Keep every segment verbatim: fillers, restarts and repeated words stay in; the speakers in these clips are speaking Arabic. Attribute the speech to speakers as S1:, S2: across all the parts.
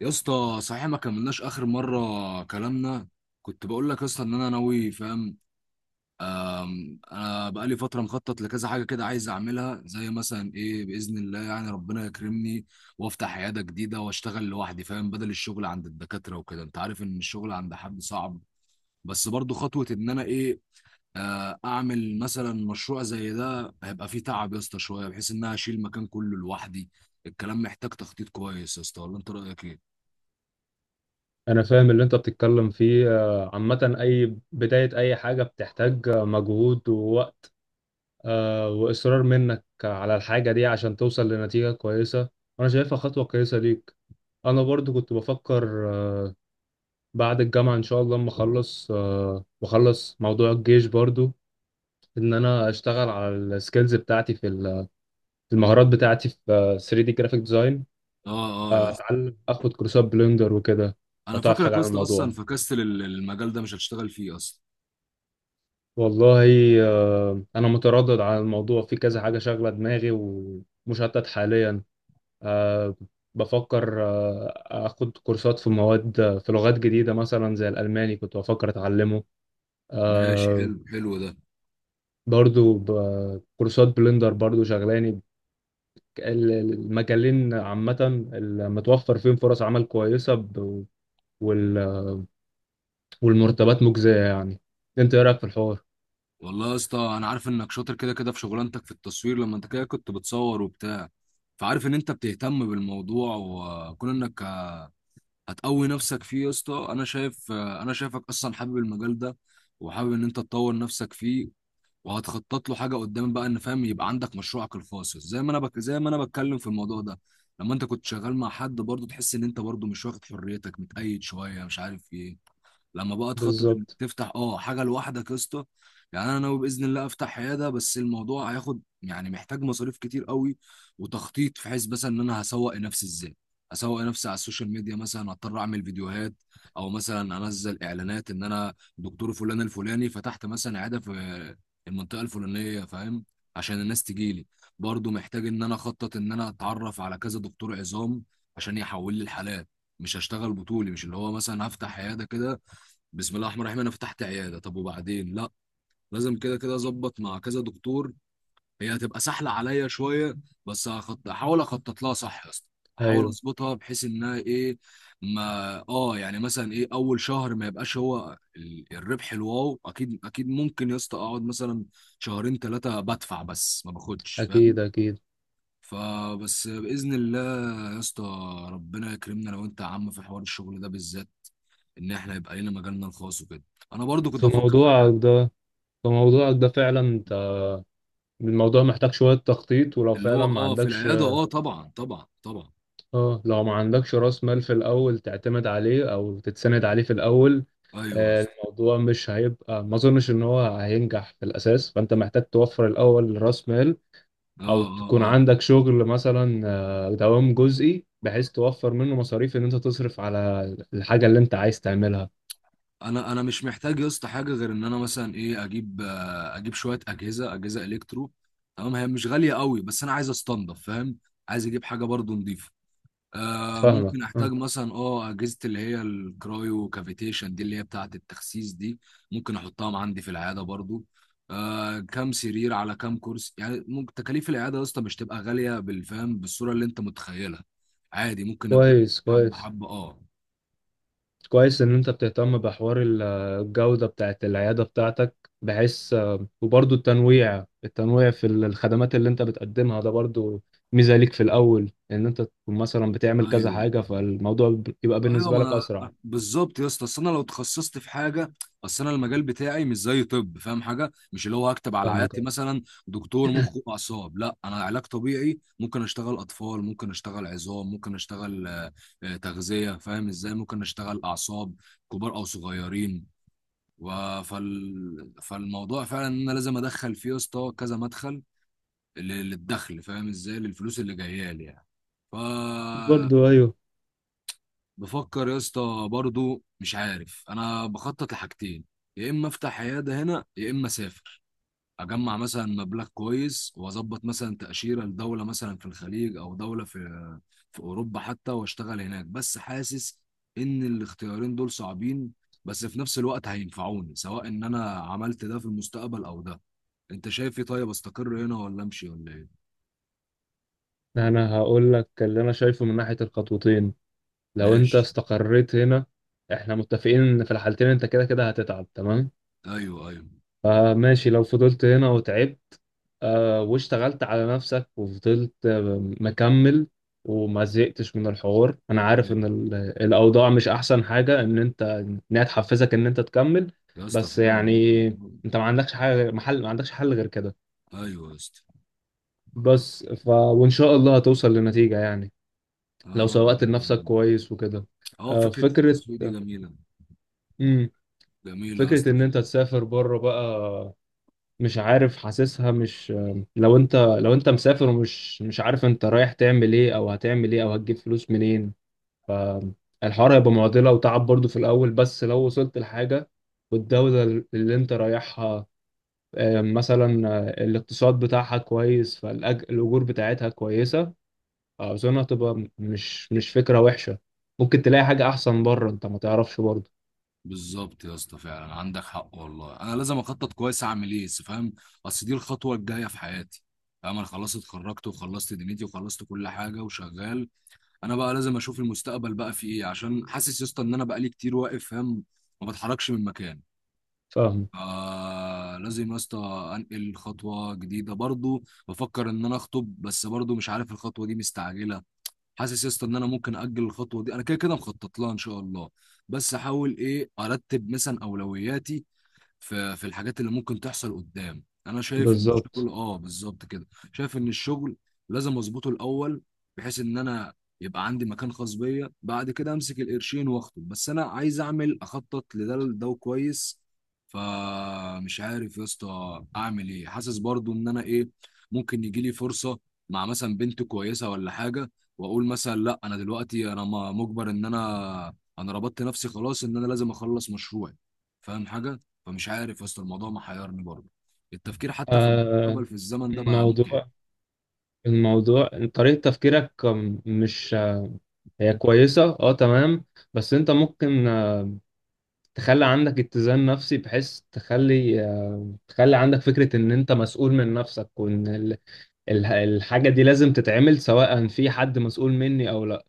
S1: يا اسطى، صحيح ما كملناش اخر مره كلامنا. كنت بقول لك يا اسطى ان انا ناوي، فاهم؟ أم، انا بقالي فتره مخطط لكذا حاجه كده، عايز اعملها. زي مثلا ايه؟ باذن الله يعني ربنا يكرمني وافتح عياده جديده واشتغل لوحدي، فاهم؟ بدل الشغل عند الدكاتره وكده. انت عارف ان الشغل عند حد صعب، بس برضو خطوه ان انا ايه، آه، اعمل مثلا مشروع زي ده. هيبقى فيه تعب يا اسطى شويه، بحيث ان انا اشيل المكان كله لوحدي. الكلام محتاج تخطيط كويس يا اسطى، ولا انت رايك ايه؟
S2: انا فاهم اللي انت بتتكلم فيه، آه، عامة اي بداية اي حاجة بتحتاج آه، مجهود ووقت آه، واصرار منك على الحاجة دي عشان توصل لنتيجة كويسة. انا شايفها خطوة كويسة ليك. انا برضو كنت بفكر، آه، بعد الجامعة ان شاء الله اما اخلص آه، واخلص موضوع الجيش برضو، ان انا اشتغل على السكيلز بتاعتي في ال- في المهارات بتاعتي في ثري دي جرافيك ديزاين.
S1: اه اه يا اسطى.
S2: اتعلم اخد كورسات بلندر وكده. لو
S1: انا
S2: تعرف
S1: فاكرك
S2: حاجة
S1: يا
S2: عن
S1: اسطى، اصلا
S2: الموضوع.
S1: فكستل ال- المجال ده مش هتشتغل فيه اصلا.
S2: والله، آه، أنا متردد على الموضوع، في كذا حاجة شاغلة دماغي ومشتت حاليا. آه، بفكر آه، أخد كورسات في مواد، في لغات جديدة مثلا زي الألماني كنت بفكر أتعلمه.
S1: ماشي
S2: آه،
S1: حلو، حلو ده.
S2: برضو ب- كورسات بلندر برضو شغلاني. ال- المجالين عامة المتوفر فيهم فرص عمل كويسة، ب- وال- والمرتبات مجزية يعني. أنت إيه رأيك في الحوار؟
S1: والله يا اسطى، انا عارف انك شاطر كده كده في شغلانتك في التصوير، لما انت كده كنت بتصور وبتاع. فعارف ان انت بتهتم بالموضوع، وكون انك هتقوي نفسك فيه يا اسطى، انا شايف، انا شايفك اصلا حابب المجال ده، وحابب ان انت تطور نفسك فيه، وهتخطط له حاجه قدام بقى، ان فاهم يبقى عندك مشروعك الخاص. زي ما انا بك... زي ما انا بتكلم في الموضوع ده، لما انت كنت شغال مع حد برضه تحس ان انت برضه مش واخد حريتك، متقيد شويه، مش عارف ايه. لما بقى تخطط انك
S2: بالظبط.
S1: تفتح اه حاجه لوحدك يا اسطى. يعني انا ناوي باذن الله افتح عياده، بس الموضوع هياخد يعني محتاج مصاريف كتير قوي، وتخطيط في حيث مثلا ان انا هسوق نفسي ازاي. اسوق نفسي على السوشيال ميديا، مثلا اضطر اعمل فيديوهات، او مثلا انزل اعلانات ان انا دكتور فلان الفلاني، فتحت مثلا عياده في المنطقه الفلانيه، فاهم؟ عشان الناس تجيلي. برضو محتاج ان انا اخطط ان انا اتعرف على كذا دكتور عظام عشان يحول لي الحالات. مش هشتغل بطولي، مش اللي هو مثلا هفتح عياده كده بسم الله الرحمن الرحيم انا فتحت عياده طب وبعدين لا. لازم كده كده اظبط مع كذا دكتور، هي هتبقى سهله عليا شويه. بس هخط... احاول اخطط لها صح يا اسطى، احاول
S2: أيوه.
S1: اظبطها بحيث انها ايه. ما اه، يعني مثلا ايه، اول شهر ما يبقاش هو ال- الربح الواو، اكيد اكيد ممكن يا اسطى اقعد مثلا شهرين ثلاثه بدفع بس ما باخدش، فاهم؟
S2: أكيد أكيد.
S1: فبس باذن الله يا اسطى ربنا يكرمنا. لو انت يا عم في حوار الشغل ده بالذات، ان احنا يبقى لنا مجالنا الخاص وكده، انا برضو كنت
S2: في
S1: افكر في حاجه.
S2: موضوعك ده، فموضوعك ده فعلا انت الموضوع محتاج شوية تخطيط، ولو
S1: اللي هو
S2: فعلا ما
S1: اه في
S2: عندكش،
S1: العياده، اه طبعا طبعا طبعا.
S2: اه لو ما عندكش راس مال في الأول تعتمد عليه أو تتسند عليه في الأول،
S1: ايوه يا
S2: آه،
S1: اسطى.
S2: الموضوع مش هيبقى، ما أظنش إن هو هينجح في الأساس. فأنت محتاج توفر الأول راس مال
S1: اه
S2: أو
S1: اه
S2: تكون
S1: اه.
S2: عندك شغل مثلا آه، دوام جزئي بحيث توفر منه مصاريف إن أنت تصرف على الحاجة اللي أنت عايز تعملها.
S1: انا انا مش محتاج يا اسطى حاجه غير ان انا مثلا ايه اجيب، آه، اجيب شويه اجهزه، اجهزه الكترو، تمام؟ هي مش غاليه قوي، بس انا عايز استنضف، فاهم؟ عايز اجيب حاجه برضو نضيفه. آه ممكن
S2: فاهمك
S1: احتاج
S2: اه.
S1: مثلا اه اجهزه اللي هي الكرايو كافيتيشن دي، اللي هي بتاعه التخسيس دي، ممكن احطها عندي في العياده برضو. آه، كام سرير على كام كرسي يعني، ممكن تكاليف العياده يا اسطى مش تبقى غاليه بالفهم بالصوره اللي انت متخيلها. عادي ممكن ابدا.
S2: كويس
S1: حبه
S2: كويس.
S1: حبه اه.
S2: كويس ان انت بتهتم بحوار ال- الجودة بتاعت العيادة بتاعتك بحيث، وبرضو التنويع، التنويع في ال- الخدمات اللي انت بتقدمها ده برضو ميزة ليك في الاول، ان انت تكون مثلا بتعمل كذا
S1: ايوه
S2: حاجة، فالموضوع ب- يبقى
S1: ايوه
S2: بالنسبة
S1: ما
S2: لك اسرع.
S1: انا بالظبط يا اسطى. اصل انا لو اتخصصت في حاجه، اصل انا المجال بتاعي مش زي طب، فاهم حاجه؟ مش اللي هو هكتب على
S2: فاهمك
S1: عيادتي
S2: أه.
S1: مثلا دكتور مخ واعصاب. لا، انا علاج طبيعي، ممكن اشتغل اطفال، ممكن اشتغل عظام، ممكن اشتغل آه، آه، تغذيه، فاهم ازاي؟ ممكن اشتغل اعصاب كبار او صغيرين، و- فال... فالموضوع فعلا ان انا لازم ادخل فيه يا اسطى كذا مدخل، لل- للدخل، فاهم ازاي، للفلوس اللي جايه لي يعني. ف،
S2: برضو. ايوه،
S1: بفكر يا اسطى برضو، مش عارف، انا بخطط لحاجتين: يا اما افتح عياده هنا، يا اما اسافر، اجمع مثلا مبلغ كويس واظبط مثلا تاشيره لدوله مثلا في الخليج او دوله في في اوروبا حتى، واشتغل هناك. بس حاسس ان الاختيارين دول صعبين، بس في نفس الوقت هينفعوني سواء ان انا عملت ده في المستقبل او ده. انت شايف ايه، طيب استقر هنا ولا امشي ولا ايه؟
S2: انا هقول لك اللي انا شايفه من ناحية الخطوتين. لو انت
S1: ماشي.
S2: استقريت هنا، احنا متفقين ان في الحالتين انت كده كده هتتعب، تمام؟
S1: ايوه ايوه.
S2: فماشي، لو فضلت هنا وتعبت آه، واشتغلت على نفسك وفضلت آه، مكمل وما زهقتش من الحوار، انا عارف
S1: أيوة.
S2: ان ال- الاوضاع مش احسن حاجه، ان انت انها تحفزك ان انت تكمل.
S1: يا اسطى
S2: بس
S1: فعلا.
S2: يعني انت ما عندكش حاجه غير- محل ما عندكش حل غير كده.
S1: ايوه يا اسطى.
S2: بس ف وان شاء الله هتوصل لنتيجه يعني،
S1: يا
S2: لو
S1: رب،
S2: سوقت
S1: يا
S2: لنفسك
S1: رب.
S2: كويس وكده.
S1: اه،
S2: آه،
S1: فكرة
S2: فكره.
S1: التسويق دي جميلة.
S2: مم.
S1: جميلة يا
S2: فكره
S1: اسطى
S2: ان انت
S1: فعلا.
S2: تسافر بره بقى، مش عارف، حاسسها مش، لو انت لو انت مسافر ومش مش عارف انت رايح تعمل ايه او هتعمل ايه او هتجيب فلوس منين، فالحوار هيبقى معضلة وتعب برضو في الاول. بس لو وصلت لحاجة، والدولة اللي انت رايحها آه، مثلا آه، الاقتصاد بتاعها كويس، فالاجور بتاعتها كويسة، اظن هتبقى مش مش فكرة وحشة. ممكن تلاقي حاجة احسن بره انت ما تعرفش برضو.
S1: بالظبط يا اسطى، فعلا عندك حق والله. انا لازم اخطط كويس اعمل ايه، بس فاهم، اصل دي الخطوة الجاية في حياتي. فاهم، انا خلاص اتخرجت وخلصت دنيتي وخلصت كل حاجة وشغال. انا بقى لازم اشوف المستقبل بقى في ايه، عشان حاسس يا اسطى ان انا بقالي كتير واقف، فاهم، ما بتحركش من مكان.
S2: فاهم.
S1: آه، لازم يا اسطى انقل خطوة جديدة. برضو بفكر ان انا اخطب، بس برضو مش عارف الخطوة دي مستعجلة. حاسس يا اسطى ان انا ممكن اجل الخطوه دي، انا كده كده مخطط لها ان شاء الله. بس احاول ايه ارتب مثلا اولوياتي في في الحاجات اللي ممكن تحصل قدام. انا شايف ان
S2: بالظبط.
S1: الشغل اه بالظبط كده، شايف ان الشغل لازم اظبطه الاول، بحيث ان انا يبقى عندي مكان خاص بيا، بعد كده امسك القرشين واخطب. بس انا عايز اعمل، اخطط لده لده كويس. فمش عارف يا اسطى اعمل ايه، حاسس برضو ان انا ايه، ممكن يجي لي فرصة مع مثلا بنت كويسة ولا حاجة، واقول مثلا لا، انا دلوقتي انا م- مجبر، ان انا انا ربطت نفسي خلاص، ان انا لازم اخلص مشروعي، فاهم حاجة؟ فمش عارف يا اسطى، الموضوع محيرني برضه. التفكير حتى في
S2: آه،
S1: المستقبل في الزمن ده بقى متعب.
S2: موضوع، الموضوع طريقة تفكيرك، مش، هي كويسة اه تمام، بس انت ممكن آه، تخلي عندك اتزان نفسي، بحيث تخلي، آه، تخلي عندك فكرة ان انت مسؤول من نفسك، وان ال- ال- الحاجة دي لازم تتعمل، سواء في حد مسؤول مني او لا.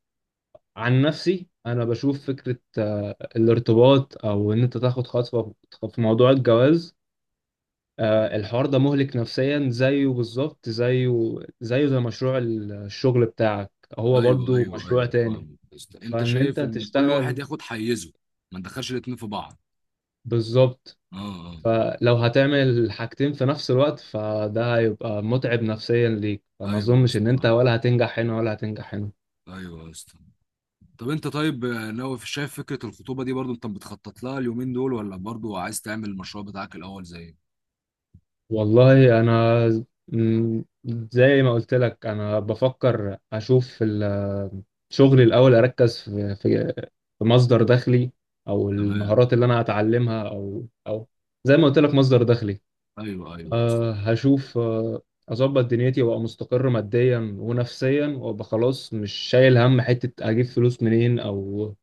S2: عن نفسي انا بشوف فكرة آه، الارتباط او ان انت تاخد خطوة في موضوع الجواز، آه، الحوار ده مهلك نفسيا، زيه بالظبط، زيه زيه زي مشروع الشغل بتاعك، هو
S1: ايوه
S2: برضو
S1: ايوه
S2: مشروع
S1: ايوه،
S2: تاني.
S1: فاهم يا اسطى. انت
S2: فان انت
S1: شايف ان كل واحد
S2: تشتغل،
S1: ياخد حيزه، ما ندخلش الاتنين في بعض.
S2: بالظبط،
S1: اه.
S2: فلو هتعمل حاجتين في نفس الوقت فده هيبقى متعب نفسيا ليك،
S1: اه
S2: فما
S1: ايوه يا
S2: اظنش
S1: اسطى،
S2: ان انت
S1: فاهم.
S2: ولا هتنجح هنا ولا هتنجح هنا.
S1: ايوه يا اسطى. طب انت طيب، آه، ناوي في- شايف فكره الخطوبه دي برضو انت بتخطط لها اليومين دول، ولا برضو عايز تعمل المشروع بتاعك الاول زي؟
S2: والله انا ز- م- زي ما قلت لك، انا بفكر اشوف ال- شغلي الاول، اركز في في في مصدر دخلي، او
S1: تمام.
S2: المهارات اللي انا هتعلمها، او او زي ما قلت لك مصدر دخلي.
S1: ايوه ايوه يا اسطى.
S2: أه هشوف، آه، اظبط دنيتي وابقى مستقر ماديا ونفسيا، وابقى خلاص مش شايل هم حتة اجيب فلوس منين او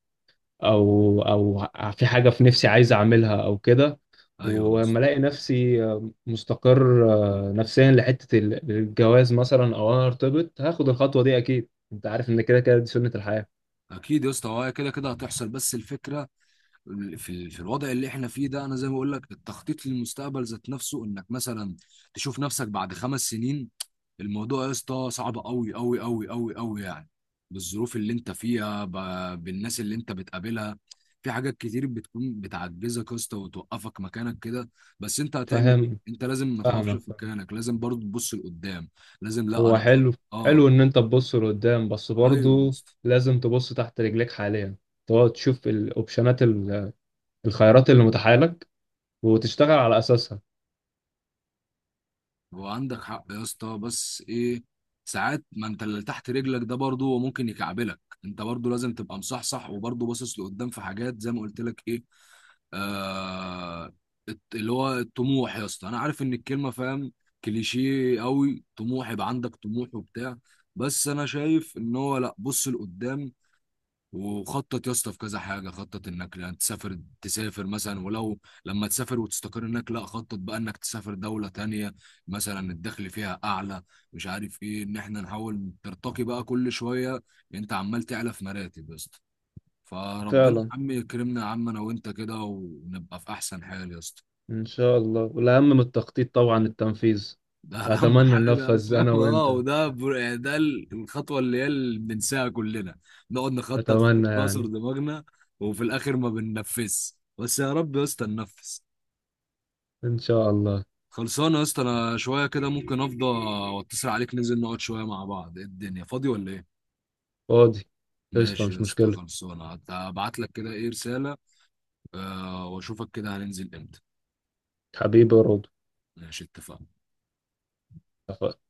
S2: او او في حاجه في نفسي عايز اعملها او كده.
S1: ايوه يا
S2: ولما
S1: اسطى.
S2: الاقي نفسي مستقر نفسيا لحته الجواز مثلا، او انا ارتبط، هاخد الخطوه دي، اكيد انت عارف ان كده كده دي سنه الحياه.
S1: اكيد يا اسطى، هو هي كده كده هتحصل، بس الفكره في ال- في الوضع اللي احنا فيه ده، انا زي ما بقول لك التخطيط للمستقبل ذات نفسه، انك مثلا تشوف نفسك بعد خمس سنين، الموضوع يا اسطى صعب قوي قوي قوي قوي قوي يعني. بالظروف اللي انت فيها، ب- بالناس اللي انت بتقابلها، في حاجات كتير بتكون بتعجزك يا اسطى وتوقفك مكانك كده. بس انت هتعمل ايه،
S2: فاهم.
S1: انت لازم ما تقفش
S2: فاهمك
S1: في
S2: فاهم.
S1: مكانك، لازم برضه تبص لقدام. لازم، لا
S2: هو
S1: انا خط...
S2: حلو،
S1: اه
S2: حلو ان انت تبص لقدام، بس
S1: ايوه.
S2: برضو لازم تبص تحت رجليك حاليا، تقعد تشوف الاوبشنات ال- الخيارات اللي متاحه لك وتشتغل على اساسها.
S1: هو عندك حق يا اسطى، بس ايه، ساعات ما انت اللي تحت رجلك ده برضه هو ممكن يكعبلك. انت برضه لازم تبقى مصحصح وبرضه باصص لقدام في حاجات، زي ما قلت لك ايه، آه الت- اللي هو الطموح يا اسطى. انا عارف ان الكلمه فاهم كليشيه قوي، طموح يبقى عندك طموح وبتاع، بس انا شايف ان هو لا، بص لقدام وخطط يا اسطى في كذا حاجه. خطط انك لا تسافر، تسافر مثلا، ولو لما تسافر وتستقر هناك لا، خطط بقى انك تسافر دوله تانية مثلا الدخل فيها اعلى، مش عارف ايه. ان احنا نحاول ترتقي بقى كل شويه، انت عمال تعلى في مراتب يا اسطى. فربنا يا
S2: فعلا.
S1: عم يكرمنا يا عم، انا وانت كده، ونبقى في احسن حال يا اسطى.
S2: إن شاء الله، والأهم من التخطيط طبعا التنفيذ.
S1: ده اهم
S2: أتمنى
S1: حاجه،
S2: ننفذ أنا
S1: فاهم؟ اه،
S2: وأنت.
S1: وده بر- يعني ده ال- الخطوه اللي هي اللي بننساها كلنا، نقعد نخطط في
S2: أتمنى
S1: ناصر
S2: يعني.
S1: دماغنا، وفي الاخر ما بننفذش، بس يا رب يا اسطى ننفذ.
S2: إن شاء الله.
S1: خلصانه يا اسطى. انا شويه كده ممكن افضى واتصل عليك، ننزل نقعد شويه مع بعض. إيه الدنيا، فاضي ولا ايه؟
S2: فاضي. قشطة،
S1: ماشي يا
S2: مش
S1: اسطى،
S2: مشكلة.
S1: خلصانه. هبعت لك كده ايه رساله، آه، واشوفك كده هننزل امتى.
S2: حبيبي يا رضا.
S1: ماشي، اتفقنا.
S2: اتفقنا.